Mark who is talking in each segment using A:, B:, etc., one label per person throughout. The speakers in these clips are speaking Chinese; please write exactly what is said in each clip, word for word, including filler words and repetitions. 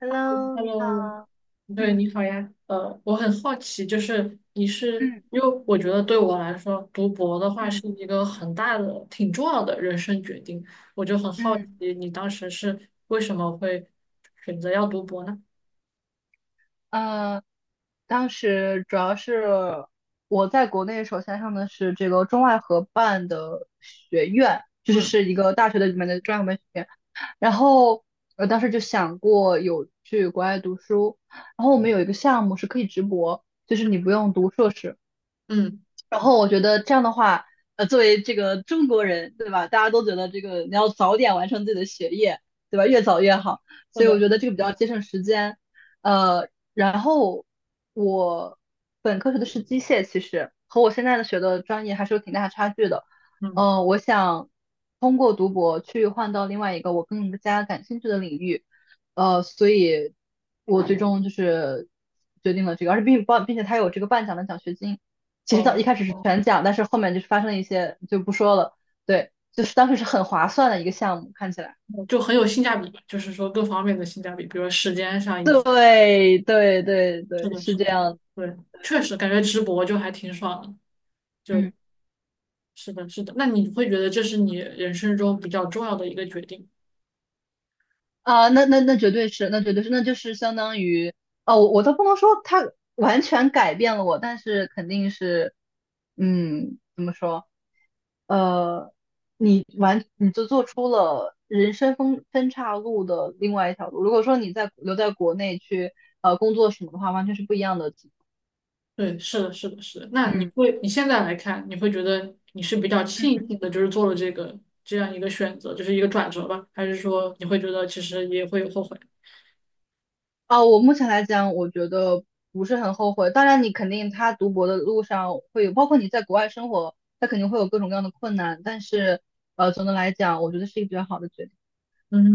A: Hello，你
B: Hello，
A: 好。
B: 对，
A: 嗯。
B: 你好呀。呃，我很好奇，就是你是，
A: 嗯。
B: 因为我觉得对我来说，读博的话
A: 嗯。
B: 是一个很大的、挺重要的人生决定，我就很好
A: 嗯。
B: 奇你当时是为什么会选择要读博呢？
A: 呃，当时主要是我在国内首先上的是这个中外合办的学院，就是
B: 嗯
A: 是一个大学的里面的中外合办学院。然后我当时就想过有去国外读书，然后我们有一个项目是可以直博，就是你不用读硕士，
B: 嗯，
A: 然后我觉得这样的话，呃，作为这个中国人，对吧？大家都觉得这个你要早点完成自己的学业，对吧？越早越好。
B: 是
A: 所以我
B: 的，
A: 觉得这个比较节省时间。呃，然后我本科学的是机械，其实和我现在的学的专业还是有挺大差距的。
B: 嗯，
A: 呃，我想通过读博去换到另外一个我更加感兴趣的领域。呃，所以我最终就是决定了这个，而且并并并且它有这个半奖的奖学金。其实到
B: 哦，
A: 一开始是全奖，但是后面就是发生了一些就不说了。对，就是当时是很划算的一个项目，看起来。
B: 就很有性价比，就是说各方面的性价比，比如说时间上以及
A: 对对对
B: 是
A: 对，
B: 的，
A: 是
B: 是
A: 这
B: 的，
A: 样的。
B: 对，确实感觉直博就还挺爽的，就
A: 嗯。
B: 是的，是的。那你会觉得这是你人生中比较重要的一个决定吗？
A: 啊，那那那绝对是，那绝对是，那就是相当于，哦，我我都不能说它完全改变了我，但是肯定是，嗯，怎么说？呃，你完你就做出了人生分分岔路的另外一条路。如果说你在留在国内去呃工作什么的话，完全是不一样的。
B: 对，是的，是的，是的。那你
A: 嗯。
B: 会，你现在来看，你会觉得你是比较
A: 嗯。
B: 庆幸的，就是做了这个这样一个选择，就是一个转折吧？还是说你会觉得其实也会有后悔？
A: 哦，我目前来讲，我觉得不是很后悔。当然，你肯定他读博的路上会有，包括你在国外生活，他肯定会有各种各样的困难。但是，呃，总的来讲，我觉得是一个比较好的决定。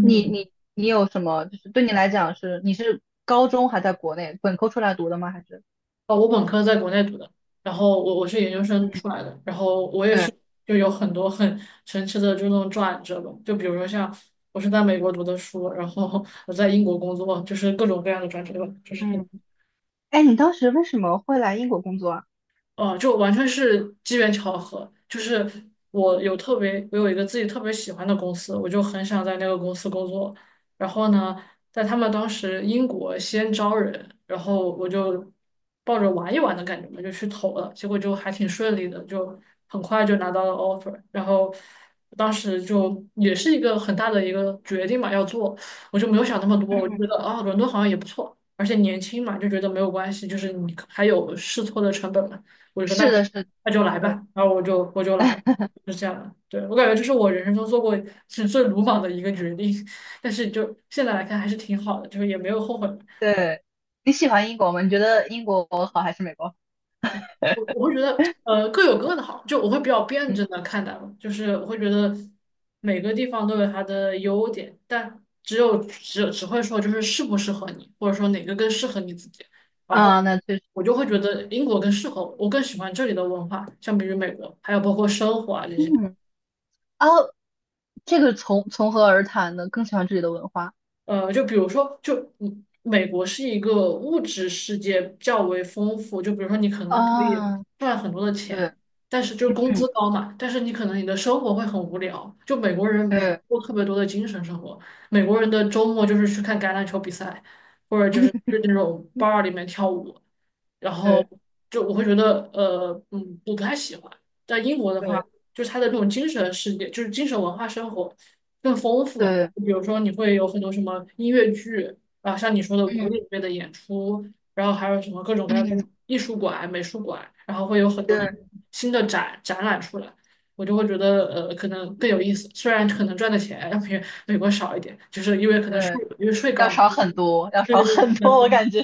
A: 你你你有什么？就是对你来讲是，你是高中还在国内本科出来读的吗？还是？
B: 哦，我本科在国内读的，然后我我是研究生
A: 嗯。
B: 出来的，然后我也
A: 对。
B: 是就有很多很神奇的这种转折吧，就比如说像我是在美国读的书，然后我在英国工作，就是各种各样的转折吧，就是。
A: 嗯。哎，你当时为什么会来英国工作啊？
B: 哦，就完全是机缘巧合。就是我有特别，我有一个自己特别喜欢的公司，我就很想在那个公司工作。然后呢，在他们当时英国先招人，然后我就抱着玩一玩的感觉嘛，就去投了。结果就还挺顺利的，就很快就拿到了 offer。然后当时就也是一个很大的一个决定嘛，要做，我就没有想那么多，我就
A: 嗯，
B: 觉得啊，伦敦好像也不错。而且年轻嘛，就觉得没有关系，就是你还有试错的成本嘛。我就说那
A: 是
B: 就
A: 的，是的，
B: 那就来吧，然后我就我就来了就是这样的。对，我感觉这是我人生中做过是最鲁莽的一个决定，但是就现在来看还是挺好的，就是也没有后悔。
A: 对。你喜欢英国吗？你觉得英国好还是美国好？
B: 我 我会觉得呃各有各的好，就我会比较辩
A: 嗯。
B: 证的看待吧，就是我会觉得每个地方都有它的优点，但只有只只会说就是适不适合你，或者说哪个更适合你自己。然后
A: 啊，那确实。
B: 我就会觉
A: 嗯。
B: 得英国更适合我，我更喜欢这里的文化，相比于美国，还有包括生活啊这些。
A: 嗯。哦，这个从从何而谈呢？更喜欢这里的文化。
B: 呃，就比如说，就嗯美国是一个物质世界较为丰富，就比如说你可能可以
A: 啊，
B: 赚很多的
A: 对。
B: 钱，但是就是工
A: 嗯。
B: 资高嘛，但是你可能你的生活会很无聊。就美国人
A: 对。
B: 过特别多的精神生活，美国人的周末就是去看橄榄球比赛，或者就是
A: 嗯。
B: 去那种 bar 里面跳舞，然
A: 对。
B: 后就我会觉得呃嗯我不太喜欢。在英国的
A: 对。
B: 话。就是它的这种精神世界，就是精神文化生活更丰富嘛。
A: 对。
B: 就比如说你会有很多什么音乐剧啊，像你说的古典
A: 嗯。
B: 乐的演出，然后还有什么各种各样的
A: 嗯。
B: 艺术馆、美术馆，然后会有很多的
A: 对。
B: 新的展展览出来，我就会觉得呃可能更有意思。虽然可能赚的钱要比美国少一点，就是因为可能税
A: 对。
B: 因为税
A: 要
B: 高嘛。
A: 少很多，要
B: 对
A: 少
B: 对
A: 很
B: 对，
A: 多，我感觉。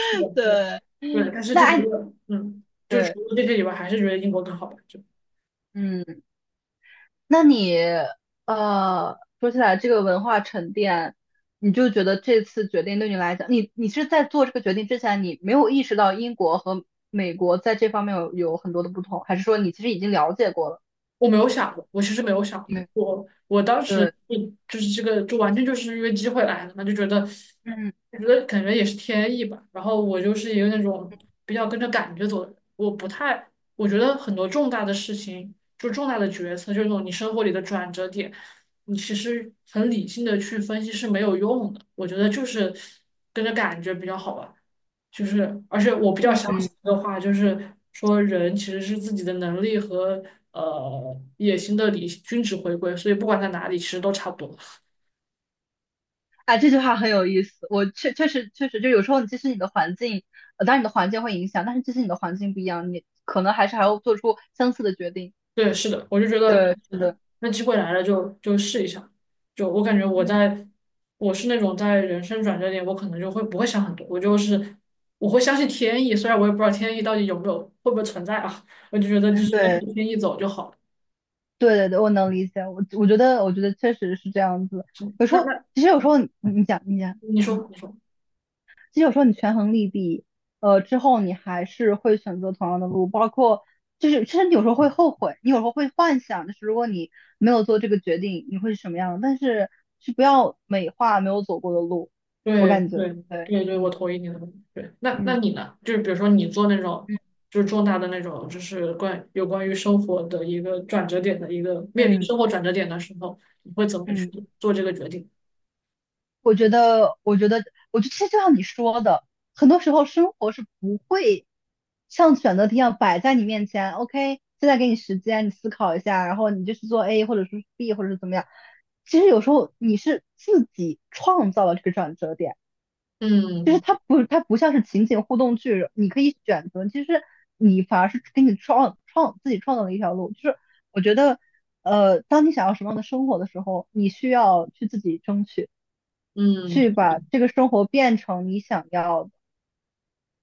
B: 是的，是 的是的
A: 对，
B: 对，但是
A: 那
B: 就觉
A: 按
B: 得嗯，就
A: 对，
B: 除了这些以外，还是觉得英国更好吧。就。
A: 嗯，那你呃，说起来这个文化沉淀，你就觉得这次决定对你来讲，你你是在做这个决定之前，你没有意识到英国和美国在这方面有有很多的不同，还是说你其实已经了解过了？
B: 我没有想过，我其实没有想
A: 嗯。
B: 过，我我当时
A: 对。
B: 就就是这个，就完全就是因为机会来了嘛，就觉得，
A: 嗯。
B: 我觉得感觉也是天意吧。然后我就是一个那种比较跟着感觉走的人，我不太，我觉得很多重大的事情，就重大的决策，就那种你生活里的转折点，你其实很理性的去分析是没有用的。我觉得就是跟着感觉比较好吧。就是，而且我比较相
A: 嗯。
B: 信的话，就是说人其实是自己的能力和呃野心的理均值回归，所以不管在哪里，其实都差不多。
A: 啊，这句话很有意思。我确确实确实，就有时候你其实你的环境，呃，当然你的环境会影响，但是即使你的环境不一样，你可能还是还要做出相似的决定。
B: 对，是的，我就觉得
A: 对，是的。
B: 那机会来了就就试一下。就我感觉我
A: 嗯。
B: 在我是那种在人生转折点，我可能就会不会想很多，我就是我会相信天意，虽然我也不知道天意到底有没有会不会存在啊，我就觉得就
A: 嗯。
B: 是跟着
A: 对
B: 天意走就好了。
A: 对对对，我能理解。我我觉得我觉得确实是这样子。
B: 嗯那那
A: 其实有时候你你讲你讲，
B: 你
A: 嗯。
B: 说你说。
A: 其实有时候你权衡利弊，呃，之后你还是会选择同样的路，包括就是其实你有时候会后悔，你有时候会幻想，就是如果你没有做这个决定，你会是什么样的。但是是不要美化没有走过的路，我
B: 对
A: 感觉
B: 对
A: 对。
B: 对对，我
A: 嗯。
B: 同意你的观点。对，那那
A: 嗯。
B: 你呢？就是比如说你做那种，
A: 嗯。
B: 就是重大的那种，就是关有关于生活的一个转折点的一个面临
A: 嗯。
B: 生活转折点的时候，你会怎么去
A: 嗯。
B: 做这个决定？
A: 我觉得，我觉得，我觉得其实就像你说的，很多时候生活是不会像选择题一样摆在你面前。OK，现在给你时间，你思考一下，然后你就去做 A 或者是 B 或者是怎么样。其实有时候你是自己创造了这个转折点，就是
B: 嗯
A: 它不，它不像是情景互动剧，你可以选择，其实你反而是给你创创自己创造了一条路。就是我觉得，呃，当你想要什么样的生活的时候，你需要去自己争取。
B: 嗯，
A: 去把这个生活变成你想要的。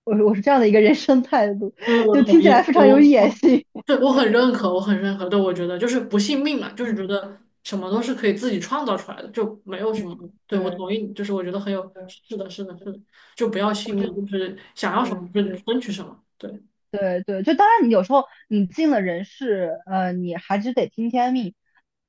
A: 我我是这样的一个人生态度，
B: 对，我
A: 就
B: 同
A: 听起
B: 意，
A: 来非常
B: 我
A: 有野
B: 我
A: 心。
B: 对我很认可，我很认可。对，我觉得就是不信命嘛，就是觉
A: 嗯，
B: 得什么都是可以自己创造出来的，就没有什么。对，我
A: 对
B: 同意你，就是我觉得很有，
A: 对，
B: 是的，是的，是的，就不要信
A: 我觉
B: 命，
A: 得
B: 就是想要什
A: 是
B: 么就
A: 是。
B: 争取什么。对。
A: 对对，就当然你有时候你进了人事，呃，你还是得听天命，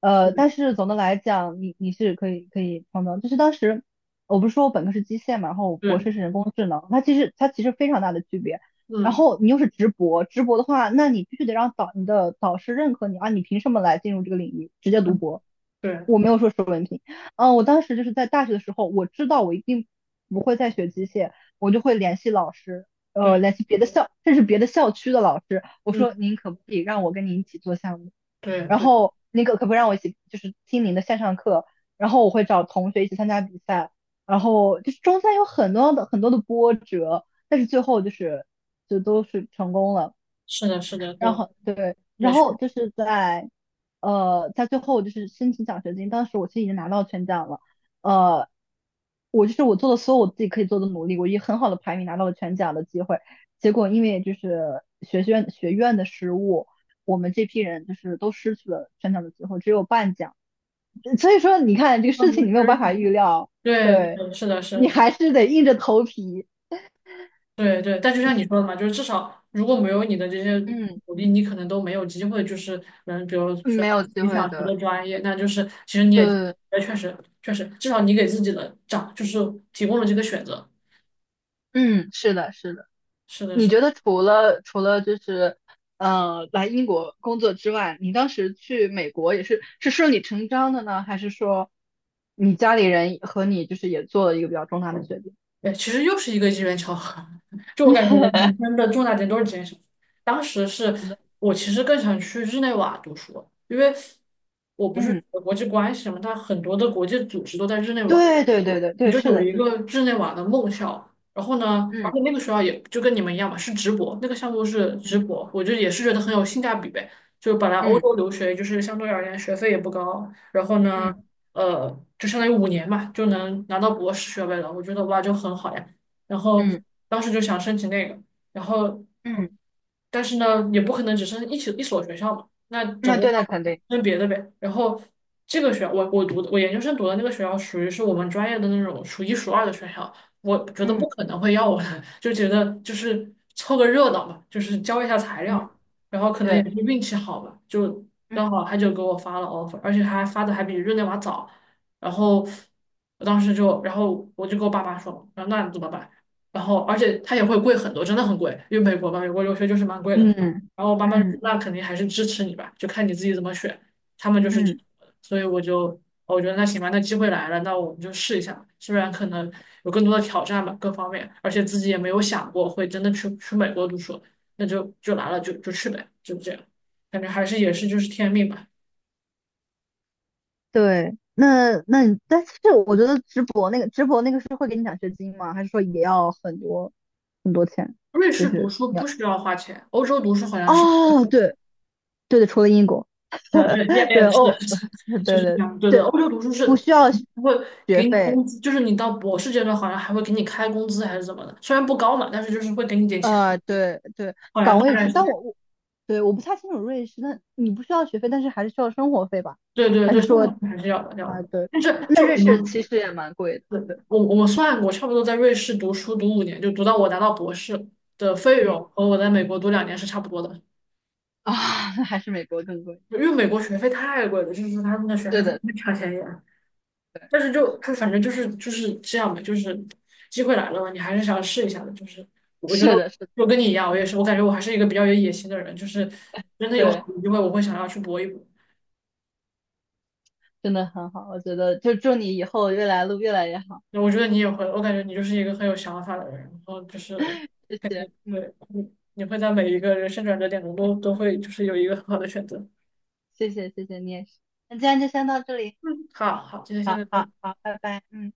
A: 呃，但是总的来讲，你你是可以可以碰到，就是当时我不是说我本科是机械嘛，然后我博
B: 对，
A: 士是人工智能，它其实它其实非常大的区别。然
B: 嗯
A: 后你又是直博，直博的话，那你必须得让导你的导师认可你啊，你凭什么来进入这个领域直接读
B: 嗯，
A: 博？
B: 对
A: 是文凭。嗯，呃我当时就是在大学的时候，我知道我一定不会再学机械，我就会联系老师，呃，
B: 对，
A: 联系别的校，甚至别的校区的老师，我说
B: 嗯
A: 您可不可以让我跟您一起做项目？
B: 对
A: 然
B: 对，
A: 后您可可不可以让我一起就是听您的线上课？然后我会找同学一起参加比赛，然后就是中间有很多的很多的波折，但是最后就是就都是成功了。
B: 是的，是的，
A: 然
B: 对，
A: 后对，
B: 也
A: 然
B: 是
A: 后就是在，呃，在最后就是申请奖学金，当时我其实已经拿到全奖了，呃，我就是我做了所有我自己可以做的努力，我以很好的排名拿到了全奖的机会，结果因为就是学院学院的失误，我们这批人就是都失去了全奖的机会，只有半奖，嗯所以说你看这个
B: 跟他
A: 事情
B: 们
A: 你没有
B: 学
A: 办法
B: 习，
A: 预料，
B: 对
A: 对
B: 对，是的，是
A: 你
B: 的，
A: 还是得硬着头皮，
B: 对对。但就像你说的嘛，就是至少如果没有你的这些
A: 嗯，
B: 努力，你可能都没有机会，就是能，比如说
A: 没有机
B: 你
A: 会
B: 想学
A: 的。
B: 的专业，那就是其实你也，
A: 对，
B: 也确实确实，至少你给自己的长，就是提供了这个选择。
A: 嗯，是的，是的。
B: 是的，
A: 你
B: 是的。
A: 觉得除了除了就是呃来英国工作之外，你当时去美国也是是顺理成章的呢，还是说你家里人和你就是也做了一个比较重大的决定？
B: 对，其实又是一个机缘巧合。就我感觉我的 人生的重大点都是这缘巧合当时是
A: 是的。
B: 我其实更想去日内瓦读书，因为我不是
A: 嗯，
B: 学国际关系嘛，它很多的国际组织都在日内瓦。
A: 对对对对
B: 我
A: 对，
B: 就
A: 是
B: 有
A: 的，
B: 一
A: 是的。
B: 个日内瓦的梦校，然后呢，而
A: 嗯。
B: 且那个学校也就跟你们一样嘛，是直博，那个项目是
A: 嗯。
B: 直博，我就也是觉得很有性价比呗。就本来欧洲
A: 嗯。
B: 留学就是相对而言学费也不高，然后呢，
A: 嗯。
B: 呃，就相当于五年嘛，就能拿到博士学位了，我觉得哇就很好呀。然后
A: 嗯。
B: 当时就想申请那个，然后。
A: 嗯，
B: 但是呢，也不可能只剩一起一所学校嘛，那总
A: 那
B: 共
A: 对，那
B: 要
A: 肯定。
B: 分别的呗。然后这个学校，我我读的我研究生读的那个学校，属于是我们专业的那种数一数二的学校，我觉得
A: 嗯。
B: 不可能会要我的，就觉得就是凑个热闹嘛，就是交一下材料，
A: 嗯。
B: 然后可能也
A: 对。
B: 是运气好吧，就刚
A: 嗯。
B: 好他就给我发了 offer，而且还发的还比日内瓦早，然后我当时就，然后我就跟我爸妈说，然后那你怎么办？然后而且它也会贵很多，真的很贵，因为美国嘛，美国留学就是蛮贵的。
A: 嗯。
B: 然后我爸妈就说
A: 嗯。
B: 那肯定还是支持你吧，就看你自己怎么选。他们就是，
A: 嗯。
B: 所以我就我觉得那行吧，那机会来了，那我们就试一下吧。虽然可能有更多的挑战吧，各方面，而且自己也没有想过会真的去去美国读书，那就就来了就就去呗，就这样。感觉还是也是就是天命吧。
A: 对，那那你，但是我觉得直播那个直播那个是会给你奖学金吗？还是说也要很多很多钱？
B: 瑞
A: 就
B: 士读
A: 是
B: 书不
A: 要
B: 需要花钱，欧洲读书好像是。
A: 哦，对对对，除了英国。
B: 啊对，也
A: 对
B: 也是的，
A: 哦，
B: 就
A: 对
B: 是这
A: 对
B: 样。对的，
A: 对，
B: 欧洲读书
A: 不
B: 是
A: 需要
B: 还会
A: 学
B: 给你
A: 费。
B: 工资，就是你到博士阶段好像还会给你开工资还是怎么的，虽然不高嘛，但是就是会给你点钱，
A: 呃，对对，
B: 好像
A: 岗
B: 大
A: 位
B: 概
A: 制，
B: 是
A: 但
B: 这样。
A: 我我对我不太清楚瑞士，那你不需要学费，但是还是需要生活费吧？
B: 对对
A: 还
B: 对，
A: 是
B: 生
A: 说
B: 活费还是要的，要
A: 啊，
B: 的。
A: 对，
B: 但是
A: 那
B: 就
A: 瑞
B: 我
A: 士其
B: 们，
A: 实也蛮贵的，
B: 对，
A: 对。
B: 我我们算过，差不多在瑞士读书读五年，就读到我拿到博士的费
A: 嗯。
B: 用和我在美国读两年是差不多的，
A: 啊，还是美国更贵，
B: 因为美国
A: 对，
B: 学费太贵了，就是他们的学费
A: 对
B: 真
A: 的，
B: 的超便宜。
A: 对。
B: 但是
A: 确
B: 就
A: 实。
B: 就反正就是就是这样吧，就是机会来了嘛，你还是想试一下的。就是我觉得
A: 是的，是的。
B: 我跟你一样，我也是，
A: 嗯，
B: 我感觉我还是一个比较有野心的人，就是真的有好
A: 对，
B: 的机会，我会想要去搏一搏。
A: 真的很好，我觉得就祝你以后越来路越来越好，
B: 那我觉得你也会，我感觉你就是一个很有想法的人，然后就是
A: 谢
B: 肯
A: 谢，
B: 定
A: 嗯，
B: 会，你你会在每一个人生转折点中都都会就是有一个很好的选择。
A: 谢谢，谢谢你也是，那今天就先到这里，
B: 嗯，好好，今天现
A: 好
B: 在。
A: 好好，拜拜，嗯。